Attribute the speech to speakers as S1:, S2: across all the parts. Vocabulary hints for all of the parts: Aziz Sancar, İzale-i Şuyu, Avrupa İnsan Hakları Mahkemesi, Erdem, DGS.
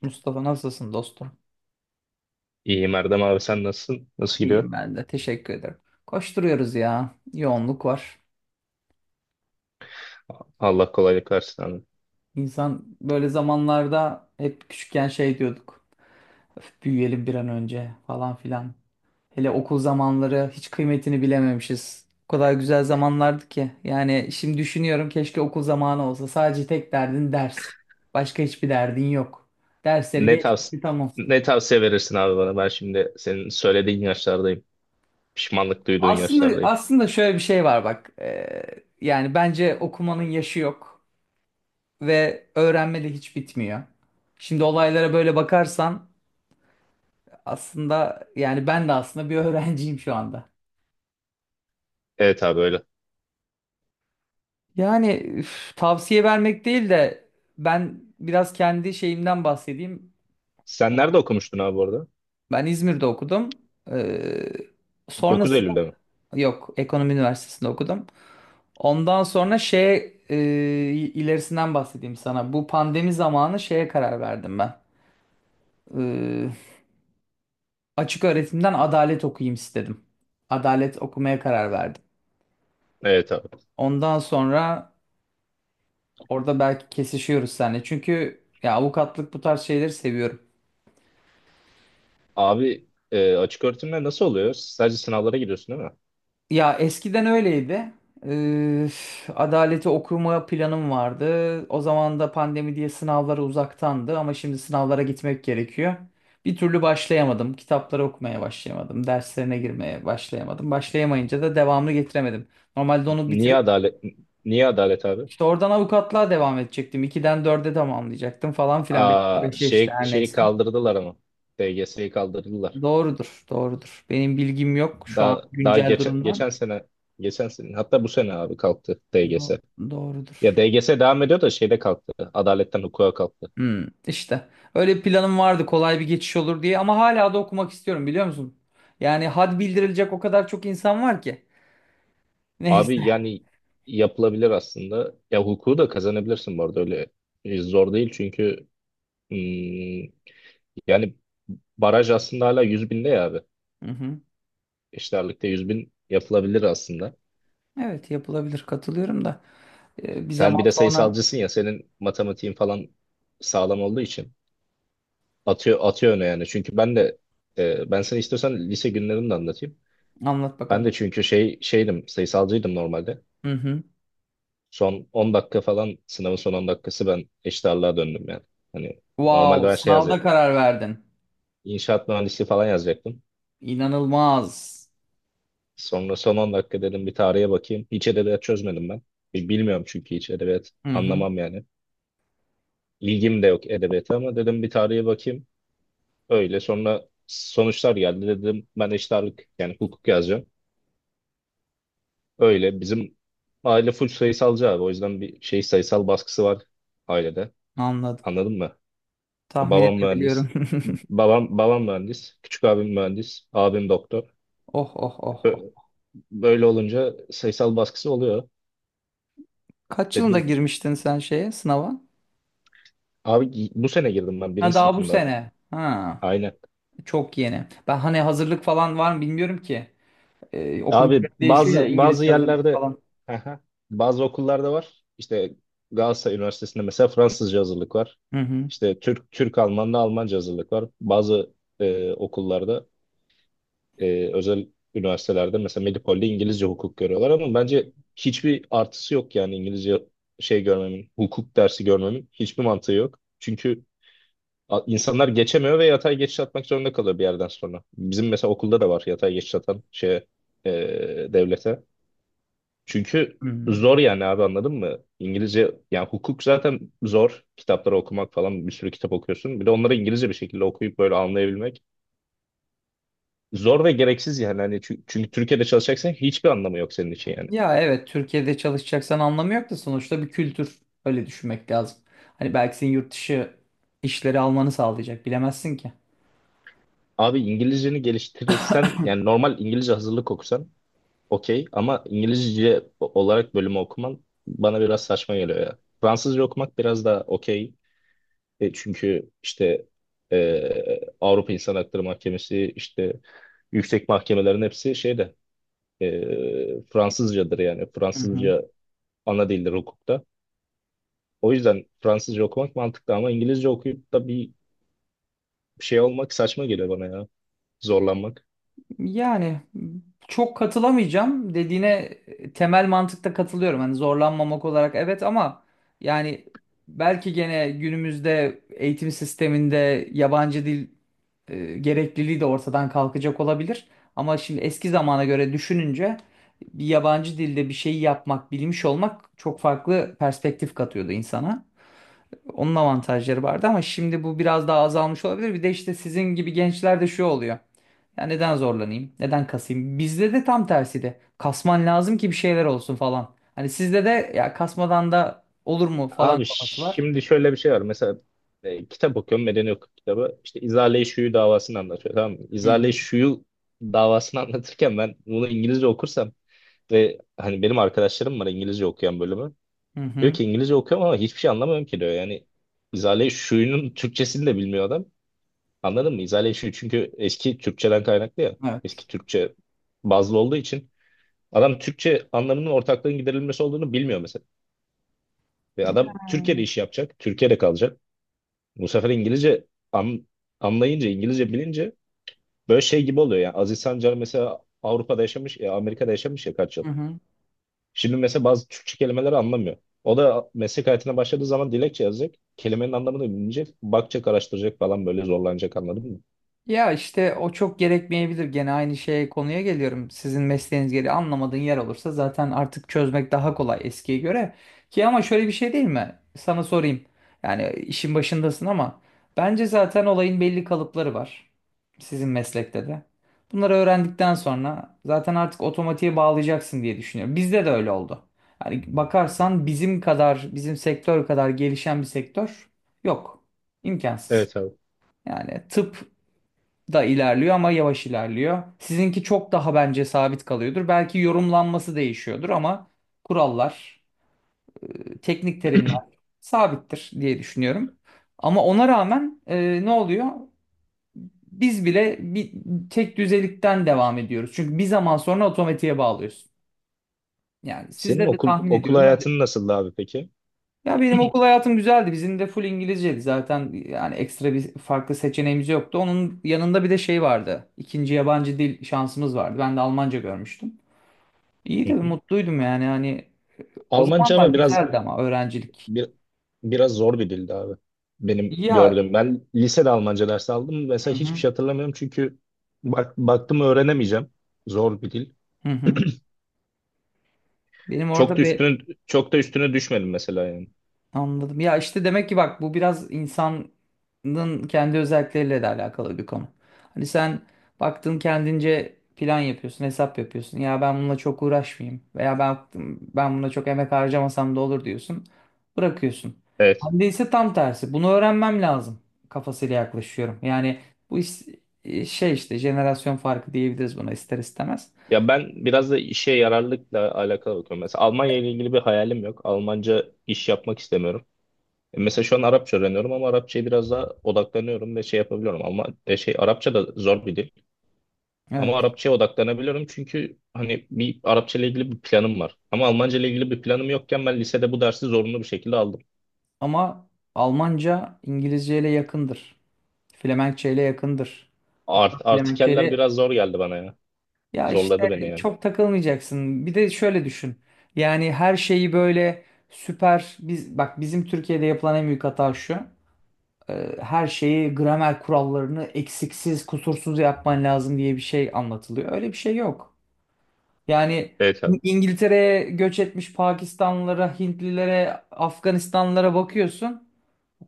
S1: Mustafa, nasılsın dostum?
S2: İyiyim Erdem abi, sen nasılsın? Nasıl gidiyor?
S1: İyiyim ben de. Teşekkür ederim. Koşturuyoruz ya. Yoğunluk var.
S2: Allah kolaylık versin abi.
S1: İnsan böyle zamanlarda hep küçükken şey diyorduk. "Öf, büyüyelim bir an önce falan filan." Hele okul zamanları hiç kıymetini bilememişiz. O kadar güzel zamanlardı ki. Yani şimdi düşünüyorum, keşke okul zamanı olsa. Sadece tek derdin ders. Başka hiçbir derdin yok. Dersleri
S2: Ne tavs
S1: geçti, tamam.
S2: Ne tavsiye verirsin abi bana? Ben şimdi senin söylediğin yaşlardayım. Pişmanlık duyduğun
S1: Aslında
S2: yaşlardayım.
S1: aslında şöyle bir şey var, bak. Yani bence okumanın yaşı yok ve öğrenme de hiç bitmiyor. Şimdi olaylara böyle bakarsan, aslında yani ben de aslında bir öğrenciyim şu anda.
S2: Evet abi, öyle.
S1: Yani tavsiye vermek değil de ben biraz kendi şeyimden bahsedeyim.
S2: Sen nerede okumuştun abi bu arada?
S1: Ben İzmir'de okudum. Ee,
S2: 9
S1: Sonrasında,
S2: Eylül'de mi?
S1: yok, Ekonomi Üniversitesi'nde okudum. Ondan sonra şey, e, ilerisinden bahsedeyim sana. Bu pandemi zamanı şeye karar verdim ben. Ee, Açık öğretimden adalet okuyayım istedim. Adalet okumaya karar verdim.
S2: Evet abi.
S1: Ondan sonra orada belki kesişiyoruz seninle. Çünkü ya avukatlık, bu tarz şeyleri seviyorum.
S2: Abi, açık öğretimler nasıl oluyor? Sadece sınavlara giriyorsun, değil mi?
S1: Ya eskiden öyleydi. Ee, Adaleti okuma planım vardı. O zaman da pandemi diye sınavlara uzaktandı, ama şimdi sınavlara gitmek gerekiyor. Bir türlü başlayamadım. Kitapları okumaya başlayamadım. Derslerine girmeye başlayamadım. Başlayamayınca da devamını getiremedim. Normalde onu
S2: Niye
S1: bitirip
S2: adalet niye adalet abi?
S1: İşte oradan avukatlığa devam edecektim. 2'den dörde tamamlayacaktım falan filan.
S2: Aa,
S1: 5'e işte,
S2: şey
S1: her
S2: şeyi
S1: neyse.
S2: kaldırdılar ama. DGS'yi kaldırdılar.
S1: Doğrudur, doğrudur. Benim bilgim yok şu an
S2: Daha daha
S1: güncel
S2: geçen
S1: durumdan.
S2: geçen sene geçen sene, hatta bu sene abi, kalktı
S1: Do-
S2: DGS. Ya
S1: Doğrudur.
S2: DGS devam ediyor da şeyde kalktı. Adaletten hukuka kalktı.
S1: Hmm, işte. Öyle bir planım vardı, kolay bir geçiş olur diye, ama hala da okumak istiyorum, biliyor musun? Yani had bildirilecek o kadar çok insan var ki. Neyse.
S2: Abi yani yapılabilir aslında. Ya hukuku da kazanabilirsin bu arada, öyle zor değil çünkü hmm, yani baraj aslında hala 100 binde ya abi.
S1: Hı hı.
S2: İşlerlikte 100 bin yapılabilir aslında.
S1: Evet, yapılabilir, katılıyorum da. Bir
S2: Sen bir
S1: zaman
S2: de
S1: sonra
S2: sayısalcısın ya, senin matematiğin falan sağlam olduğu için atıyor öne yani. Çünkü ben de ben sana, istiyorsan, lise günlerimi de anlatayım.
S1: anlat
S2: Ben
S1: bakalım.
S2: de çünkü şeydim sayısalcıydım normalde.
S1: Hı hı.
S2: Son 10 dakika falan, sınavın son 10 dakikası, ben eşit ağırlığa döndüm yani. Hani normalde
S1: Wow,
S2: ben şey
S1: sınavda
S2: yazacak,
S1: karar verdin.
S2: inşaat mühendisliği falan yazacaktım.
S1: İnanılmaz.
S2: Sonra son 10 dakika dedim bir tarihe bakayım. Hiç edebiyat çözmedim ben. Bilmiyorum çünkü, hiç edebiyat
S1: Hı hı.
S2: anlamam yani. İlgim de yok edebiyata ama dedim bir tarihe bakayım. Öyle sonra sonuçlar geldi, dedim ben eşit ağırlık, yani hukuk yazacağım. Öyle bizim aile full sayısalcı abi, o yüzden bir şey, sayısal baskısı var ailede.
S1: Anladım.
S2: Anladın mı? Ya
S1: Tahmin
S2: babam
S1: edebiliyorum.
S2: mühendis. Babam mühendis. Küçük abim mühendis. Abim doktor.
S1: Oh oh oh
S2: Ö-
S1: oh.
S2: Böyle olunca sayısal baskısı oluyor.
S1: Kaç yılında
S2: Dedim
S1: girmiştin sen şeye, sınava?
S2: abi, bu sene girdim ben,
S1: Ha,
S2: birinci
S1: daha bu
S2: sınıfında.
S1: sene. Ha,
S2: Aynen.
S1: çok yeni. Ben hani hazırlık falan var mı, bilmiyorum ki. Okul
S2: Abi
S1: değişiyor ya,
S2: bazı
S1: İngilizce
S2: bazı
S1: hazırlık
S2: yerlerde.
S1: falan.
S2: Aha. Bazı okullarda var. İşte Galatasaray Üniversitesi'nde mesela Fransızca hazırlık var.
S1: Hı hı.
S2: İşte Türk Alman'da Almanca hazırlık var. Bazı okullarda, özel üniversitelerde mesela Medipol'de İngilizce hukuk görüyorlar ama bence hiçbir artısı yok yani, İngilizce şey görmemin, hukuk dersi görmemin hiçbir mantığı yok. Çünkü insanlar geçemiyor ve yatay geçiş atmak zorunda kalıyor bir yerden sonra. Bizim mesela okulda da var, yatay geçiş atan, şeye, e, devlete. Çünkü
S1: Hı.
S2: zor yani abi, anladın mı? İngilizce yani, hukuk zaten zor. Kitapları okumak falan, bir sürü kitap okuyorsun. Bir de onları İngilizce bir şekilde okuyup böyle anlayabilmek, zor ve gereksiz yani. Hani çünkü Türkiye'de çalışacaksan hiçbir anlamı yok senin için yani.
S1: Ya evet, Türkiye'de çalışacaksan anlamı yok da, sonuçta bir kültür. Öyle düşünmek lazım. Hani belki senin yurt dışı işleri almanı sağlayacak, bilemezsin ki.
S2: Abi İngilizceni geliştirirsen, yani normal İngilizce hazırlık okusan okey, ama İngilizce olarak bölümü okuman bana biraz saçma geliyor ya. Fransızca okumak biraz daha okey. Çünkü işte Avrupa İnsan Hakları Mahkemesi, işte yüksek mahkemelerin hepsi şeyde Fransızcadır yani.
S1: Hı hı.
S2: Fransızca ana dildir hukukta. O yüzden Fransızca okumak mantıklı ama İngilizce okuyup da bir şey olmak saçma geliyor bana ya. Zorlanmak.
S1: Yani çok katılamayacağım dediğine, e, temel mantıkta katılıyorum. Hani zorlanmamak olarak evet, ama yani belki gene günümüzde eğitim sisteminde yabancı dil, e, gerekliliği de ortadan kalkacak olabilir. Ama şimdi eski zamana göre düşününce bir yabancı dilde bir şeyi yapmak, bilmiş olmak çok farklı perspektif katıyordu insana. Onun avantajları vardı, ama şimdi bu biraz daha azalmış olabilir. Bir de işte sizin gibi gençlerde şu oluyor: ya neden zorlanayım? Neden kasayım? Bizde de tam tersi de. Kasman lazım ki bir şeyler olsun falan. Hani sizde de ya kasmadan da olur mu falan
S2: Abi
S1: kafası var.
S2: şimdi şöyle bir şey var. Mesela kitap okuyorum. Medeni hukuk kitabı. İşte İzale-i Şuyu davasını anlatıyor. Tamam mı?
S1: Hı
S2: İzale-i
S1: hı.
S2: Şuyu davasını anlatırken, ben bunu İngilizce okursam ve hani, benim arkadaşlarım var İngilizce okuyan, bölümü.
S1: Hı
S2: Diyor
S1: hı.
S2: ki İngilizce okuyorum ama hiçbir şey anlamıyorum ki diyor. Yani İzale-i Şuyu'nun Türkçesini de bilmiyor adam. Anladın mı? İzale-i Şuyu çünkü eski Türkçeden kaynaklı ya. Eski
S1: Evet.
S2: Türkçe bazlı olduğu için adam Türkçe anlamının, ortaklığın giderilmesi olduğunu bilmiyor mesela. Ve adam Türkiye'de iş yapacak. Türkiye'de kalacak. Bu sefer İngilizce an- anlayınca, İngilizce bilince böyle şey gibi oluyor. Yani Aziz Sancar mesela Avrupa'da yaşamış, Amerika'da yaşamış ya kaç yıl.
S1: Hı hı.
S2: Şimdi mesela bazı Türkçe kelimeleri anlamıyor. O da meslek hayatına başladığı zaman dilekçe yazacak. Kelimenin anlamını bilinecek. Bakacak, araştıracak falan, böyle zorlanacak, anladın mı?
S1: Ya işte o çok gerekmeyebilir. Gene aynı şeye, konuya geliyorum. Sizin mesleğiniz gereği anlamadığın yer olursa zaten artık çözmek daha kolay eskiye göre. Ki ama şöyle bir şey değil mi? Sana sorayım. Yani işin başındasın ama bence zaten olayın belli kalıpları var. Sizin meslekte de. Bunları öğrendikten sonra zaten artık otomatiğe bağlayacaksın diye düşünüyorum. Bizde de öyle oldu. Yani bakarsan bizim kadar, bizim sektör kadar gelişen bir sektör yok. İmkansız.
S2: Evet abi.
S1: Yani tıp da ilerliyor ama yavaş ilerliyor. Sizinki çok daha bence sabit kalıyordur. Belki yorumlanması değişiyordur ama kurallar, e, teknik terimler sabittir diye düşünüyorum. Ama ona rağmen, e, ne oluyor? Biz bile bir tek düzelikten devam ediyoruz. Çünkü bir zaman sonra otomatiğe bağlıyorsun. Yani
S2: Senin
S1: sizde de
S2: okul
S1: tahmin
S2: okul
S1: ediyorum öyle.
S2: hayatın nasıldı abi peki?
S1: Ya benim okul hayatım güzeldi. Bizim de full İngilizceydi zaten. Yani ekstra bir farklı seçeneğimiz yoktu. Onun yanında bir de şey vardı: İkinci yabancı dil şansımız vardı. Ben de Almanca görmüştüm. İyi
S2: Hı
S1: de
S2: hı.
S1: mutluydum yani. Hani o
S2: Almanca
S1: zamanlar
S2: ama biraz,
S1: güzeldi ama, öğrencilik.
S2: Bir, biraz zor bir dildi abi. Benim
S1: Ya,
S2: gördüğüm. Ben lisede Almanca dersi aldım. Mesela
S1: hı
S2: hiçbir
S1: hı,
S2: şey hatırlamıyorum çünkü bak, baktım öğrenemeyeceğim. Zor bir dil.
S1: hı hı. Benim
S2: Çok da
S1: orada be
S2: üstüne, çok da üstüne düşmedim mesela yani.
S1: Anladım. Ya işte demek ki, bak, bu biraz insanın kendi özellikleriyle de alakalı bir konu. Hani sen baktın, kendince plan yapıyorsun, hesap yapıyorsun. Ya ben bununla çok uğraşmayayım veya ben buna çok emek harcamasam da olur diyorsun. Bırakıyorsun.
S2: Evet.
S1: Ben ise tam tersi. Bunu öğrenmem lazım kafasıyla yaklaşıyorum. Yani bu iş, şey, işte jenerasyon farkı diyebiliriz buna ister istemez.
S2: Ya ben biraz da işe yararlılıkla alakalı bakıyorum. Mesela Almanya ile ilgili bir hayalim yok. Almanca iş yapmak istemiyorum. Mesela şu an Arapça öğreniyorum ama Arapçaya biraz daha odaklanıyorum ve şey yapabiliyorum. Ama şey, Arapça da zor bir dil. Ama
S1: Evet.
S2: Arapçaya odaklanabiliyorum çünkü hani, bir Arapça ile ilgili bir planım var. Ama Almanca ile ilgili bir planım yokken ben lisede bu dersi zorunlu bir şekilde aldım.
S1: Ama Almanca İngilizce ile yakındır. Flemenkçe ile yakındır. Hatta Flemenkçe
S2: Artikeller
S1: ile,
S2: biraz zor geldi bana ya.
S1: ya işte,
S2: Zorladı beni yani.
S1: çok takılmayacaksın. Bir de şöyle düşün. Yani her şeyi böyle süper, biz, bak, bizim Türkiye'de yapılan en büyük hata şu. Her şeyi, gramer kurallarını eksiksiz, kusursuz yapman lazım diye bir şey anlatılıyor. Öyle bir şey yok. Yani
S2: Evet abi.
S1: İngiltere'ye göç etmiş Pakistanlılara, Hintlilere, Afganistanlılara bakıyorsun,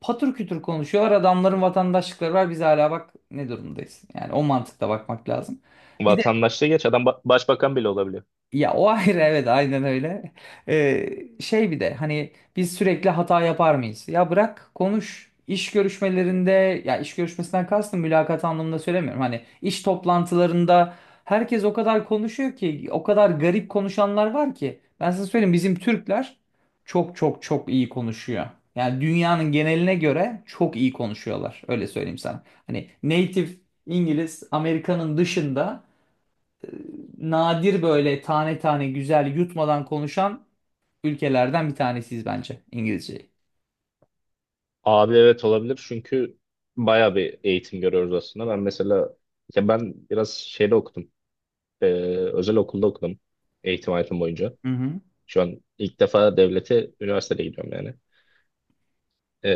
S1: patır kütür konuşuyorlar. Adamların vatandaşlıkları var. Biz hala bak ne durumdayız. Yani o mantıkla bakmak lazım. Bir de
S2: Vatandaşlığı geç, adam başbakan bile olabiliyor.
S1: ya, o ayrı, evet aynen öyle. Ee, Şey, bir de hani biz sürekli hata yapar mıyız? Ya bırak, konuş. İş görüşmelerinde, ya iş görüşmesinden kastım mülakat anlamında söylemiyorum, hani iş toplantılarında herkes o kadar konuşuyor ki, o kadar garip konuşanlar var ki. Ben size söyleyeyim, bizim Türkler çok çok çok iyi konuşuyor. Yani dünyanın geneline göre çok iyi konuşuyorlar. Öyle söyleyeyim sana. Hani native İngiliz, Amerika'nın dışında, nadir böyle tane tane güzel yutmadan konuşan ülkelerden bir tanesiyiz bence İngilizceyi.
S2: Abi evet, olabilir çünkü bayağı bir eğitim görüyoruz aslında. Ben mesela, ya ben biraz şeyde okudum. Ee, Özel okulda okudum eğitim hayatım boyunca.
S1: Hı hı.
S2: Şu an ilk defa devlete üniversitede gidiyorum yani. Ee,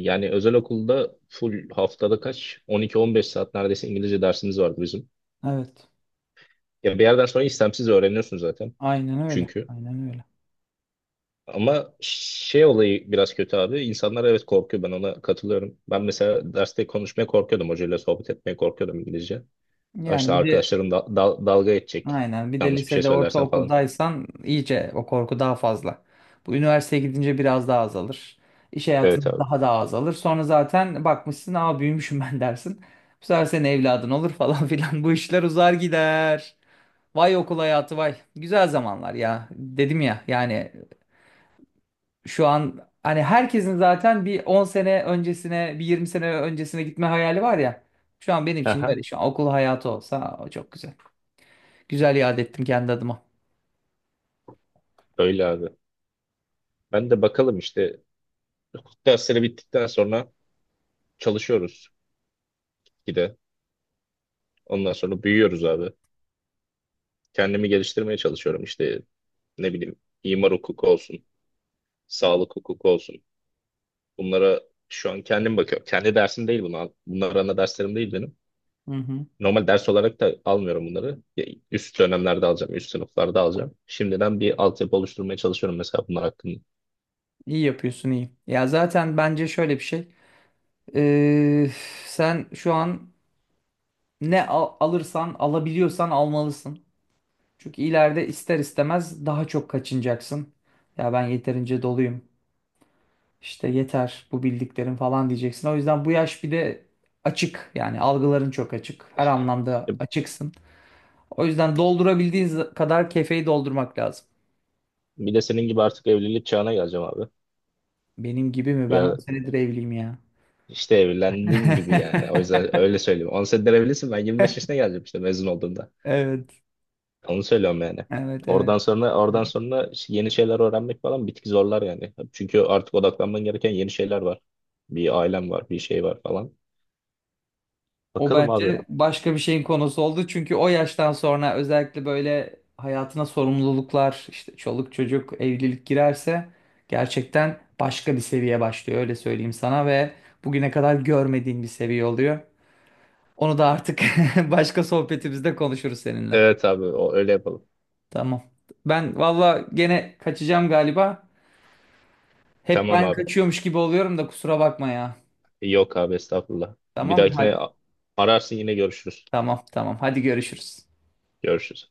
S2: Yani özel okulda full, haftada kaç, 12-15 saat neredeyse İngilizce dersimiz vardı bizim.
S1: Evet.
S2: Ya bir yerden sonra istemsiz öğreniyorsun zaten
S1: Aynen öyle.
S2: çünkü.
S1: Aynen öyle.
S2: Ama şey olayı biraz kötü abi. İnsanlar evet korkuyor, ben ona katılıyorum. Ben mesela derste konuşmaya korkuyordum. Hocayla sohbet etmeye korkuyordum İngilizce. Ya
S1: Yani
S2: İşte
S1: bir de
S2: arkadaşlarım dalga edecek.
S1: aynen, bir de
S2: Yanlış bir şey
S1: lisede,
S2: söylersen falan.
S1: ortaokuldaysan iyice o korku daha fazla. Bu üniversiteye gidince biraz daha azalır. İş
S2: Evet
S1: hayatında
S2: abi.
S1: daha da azalır. Sonra zaten bakmışsın, aa, büyümüşüm ben dersin. Bu sefer senin evladın olur falan filan. Bu işler uzar gider. Vay okul hayatı vay. Güzel zamanlar ya. Dedim ya yani, şu an hani herkesin zaten bir 10 sene öncesine, bir 20 sene öncesine gitme hayali var ya. Şu an benim için de
S2: Aha.
S1: öyle. Şu an okul hayatı olsa o çok güzel. Güzel yad ettim kendi adıma.
S2: Öyle abi. Ben de bakalım, işte dersleri bittikten sonra çalışıyoruz. Bir de ondan sonra büyüyoruz abi. Kendimi geliştirmeye çalışıyorum. İşte ne bileyim, imar hukuku olsun, sağlık hukuku olsun. Bunlara şu an kendim bakıyorum. Kendi dersim değil bunlar. Bunlar ana derslerim değil benim.
S1: Hı hı.
S2: Normal ders olarak da almıyorum bunları. Ya üst dönemlerde alacağım, üst sınıflarda alacağım. Şimdiden bir altyapı oluşturmaya çalışıyorum mesela bunlar hakkında.
S1: İyi yapıyorsun, iyi. Ya zaten bence şöyle bir şey. Ee, Sen şu an ne alırsan, alabiliyorsan almalısın. Çünkü ileride ister istemez daha çok kaçınacaksın. Ya ben yeterince doluyum. İşte yeter bu bildiklerin falan diyeceksin. O yüzden bu yaş, bir de açık, yani algıların çok açık. Her
S2: E,
S1: anlamda açıksın. O yüzden doldurabildiğin kadar kefeyi doldurmak lazım.
S2: Bir de senin gibi artık evlilik çağına geleceğim abi.
S1: Benim gibi mi? Ben
S2: Ya
S1: 10 senedir evliyim ya.
S2: işte evlendiğin gibi yani. O yüzden öyle söyleyeyim. 10 senedir evlisin, ben 25 yaşına geleceğim işte mezun olduğumda.
S1: Evet.
S2: Onu söylüyorum yani.
S1: Evet, evet.
S2: Oradan sonra işte yeni şeyler öğrenmek falan bir tık zorlar yani. Çünkü artık odaklanman gereken yeni şeyler var. Bir ailem var, bir şey var falan.
S1: O
S2: Bakalım abi.
S1: bence başka bir şeyin konusu oldu. Çünkü o yaştan sonra özellikle böyle hayatına sorumluluklar, işte çoluk çocuk, evlilik girerse, gerçekten başka bir seviye başlıyor, öyle söyleyeyim sana, ve bugüne kadar görmediğin bir seviye oluyor. Onu da artık başka sohbetimizde konuşuruz seninle.
S2: Evet abi, o öyle yapalım.
S1: Tamam. Ben valla gene kaçacağım galiba. Hep
S2: Tamam
S1: ben
S2: abi.
S1: kaçıyormuş gibi oluyorum da, kusura bakma ya.
S2: Yok abi, estağfurullah. Bir
S1: Tamam mı? Hadi.
S2: dahakine ararsın, yine görüşürüz.
S1: Tamam, tamam. Hadi görüşürüz.
S2: Görüşürüz.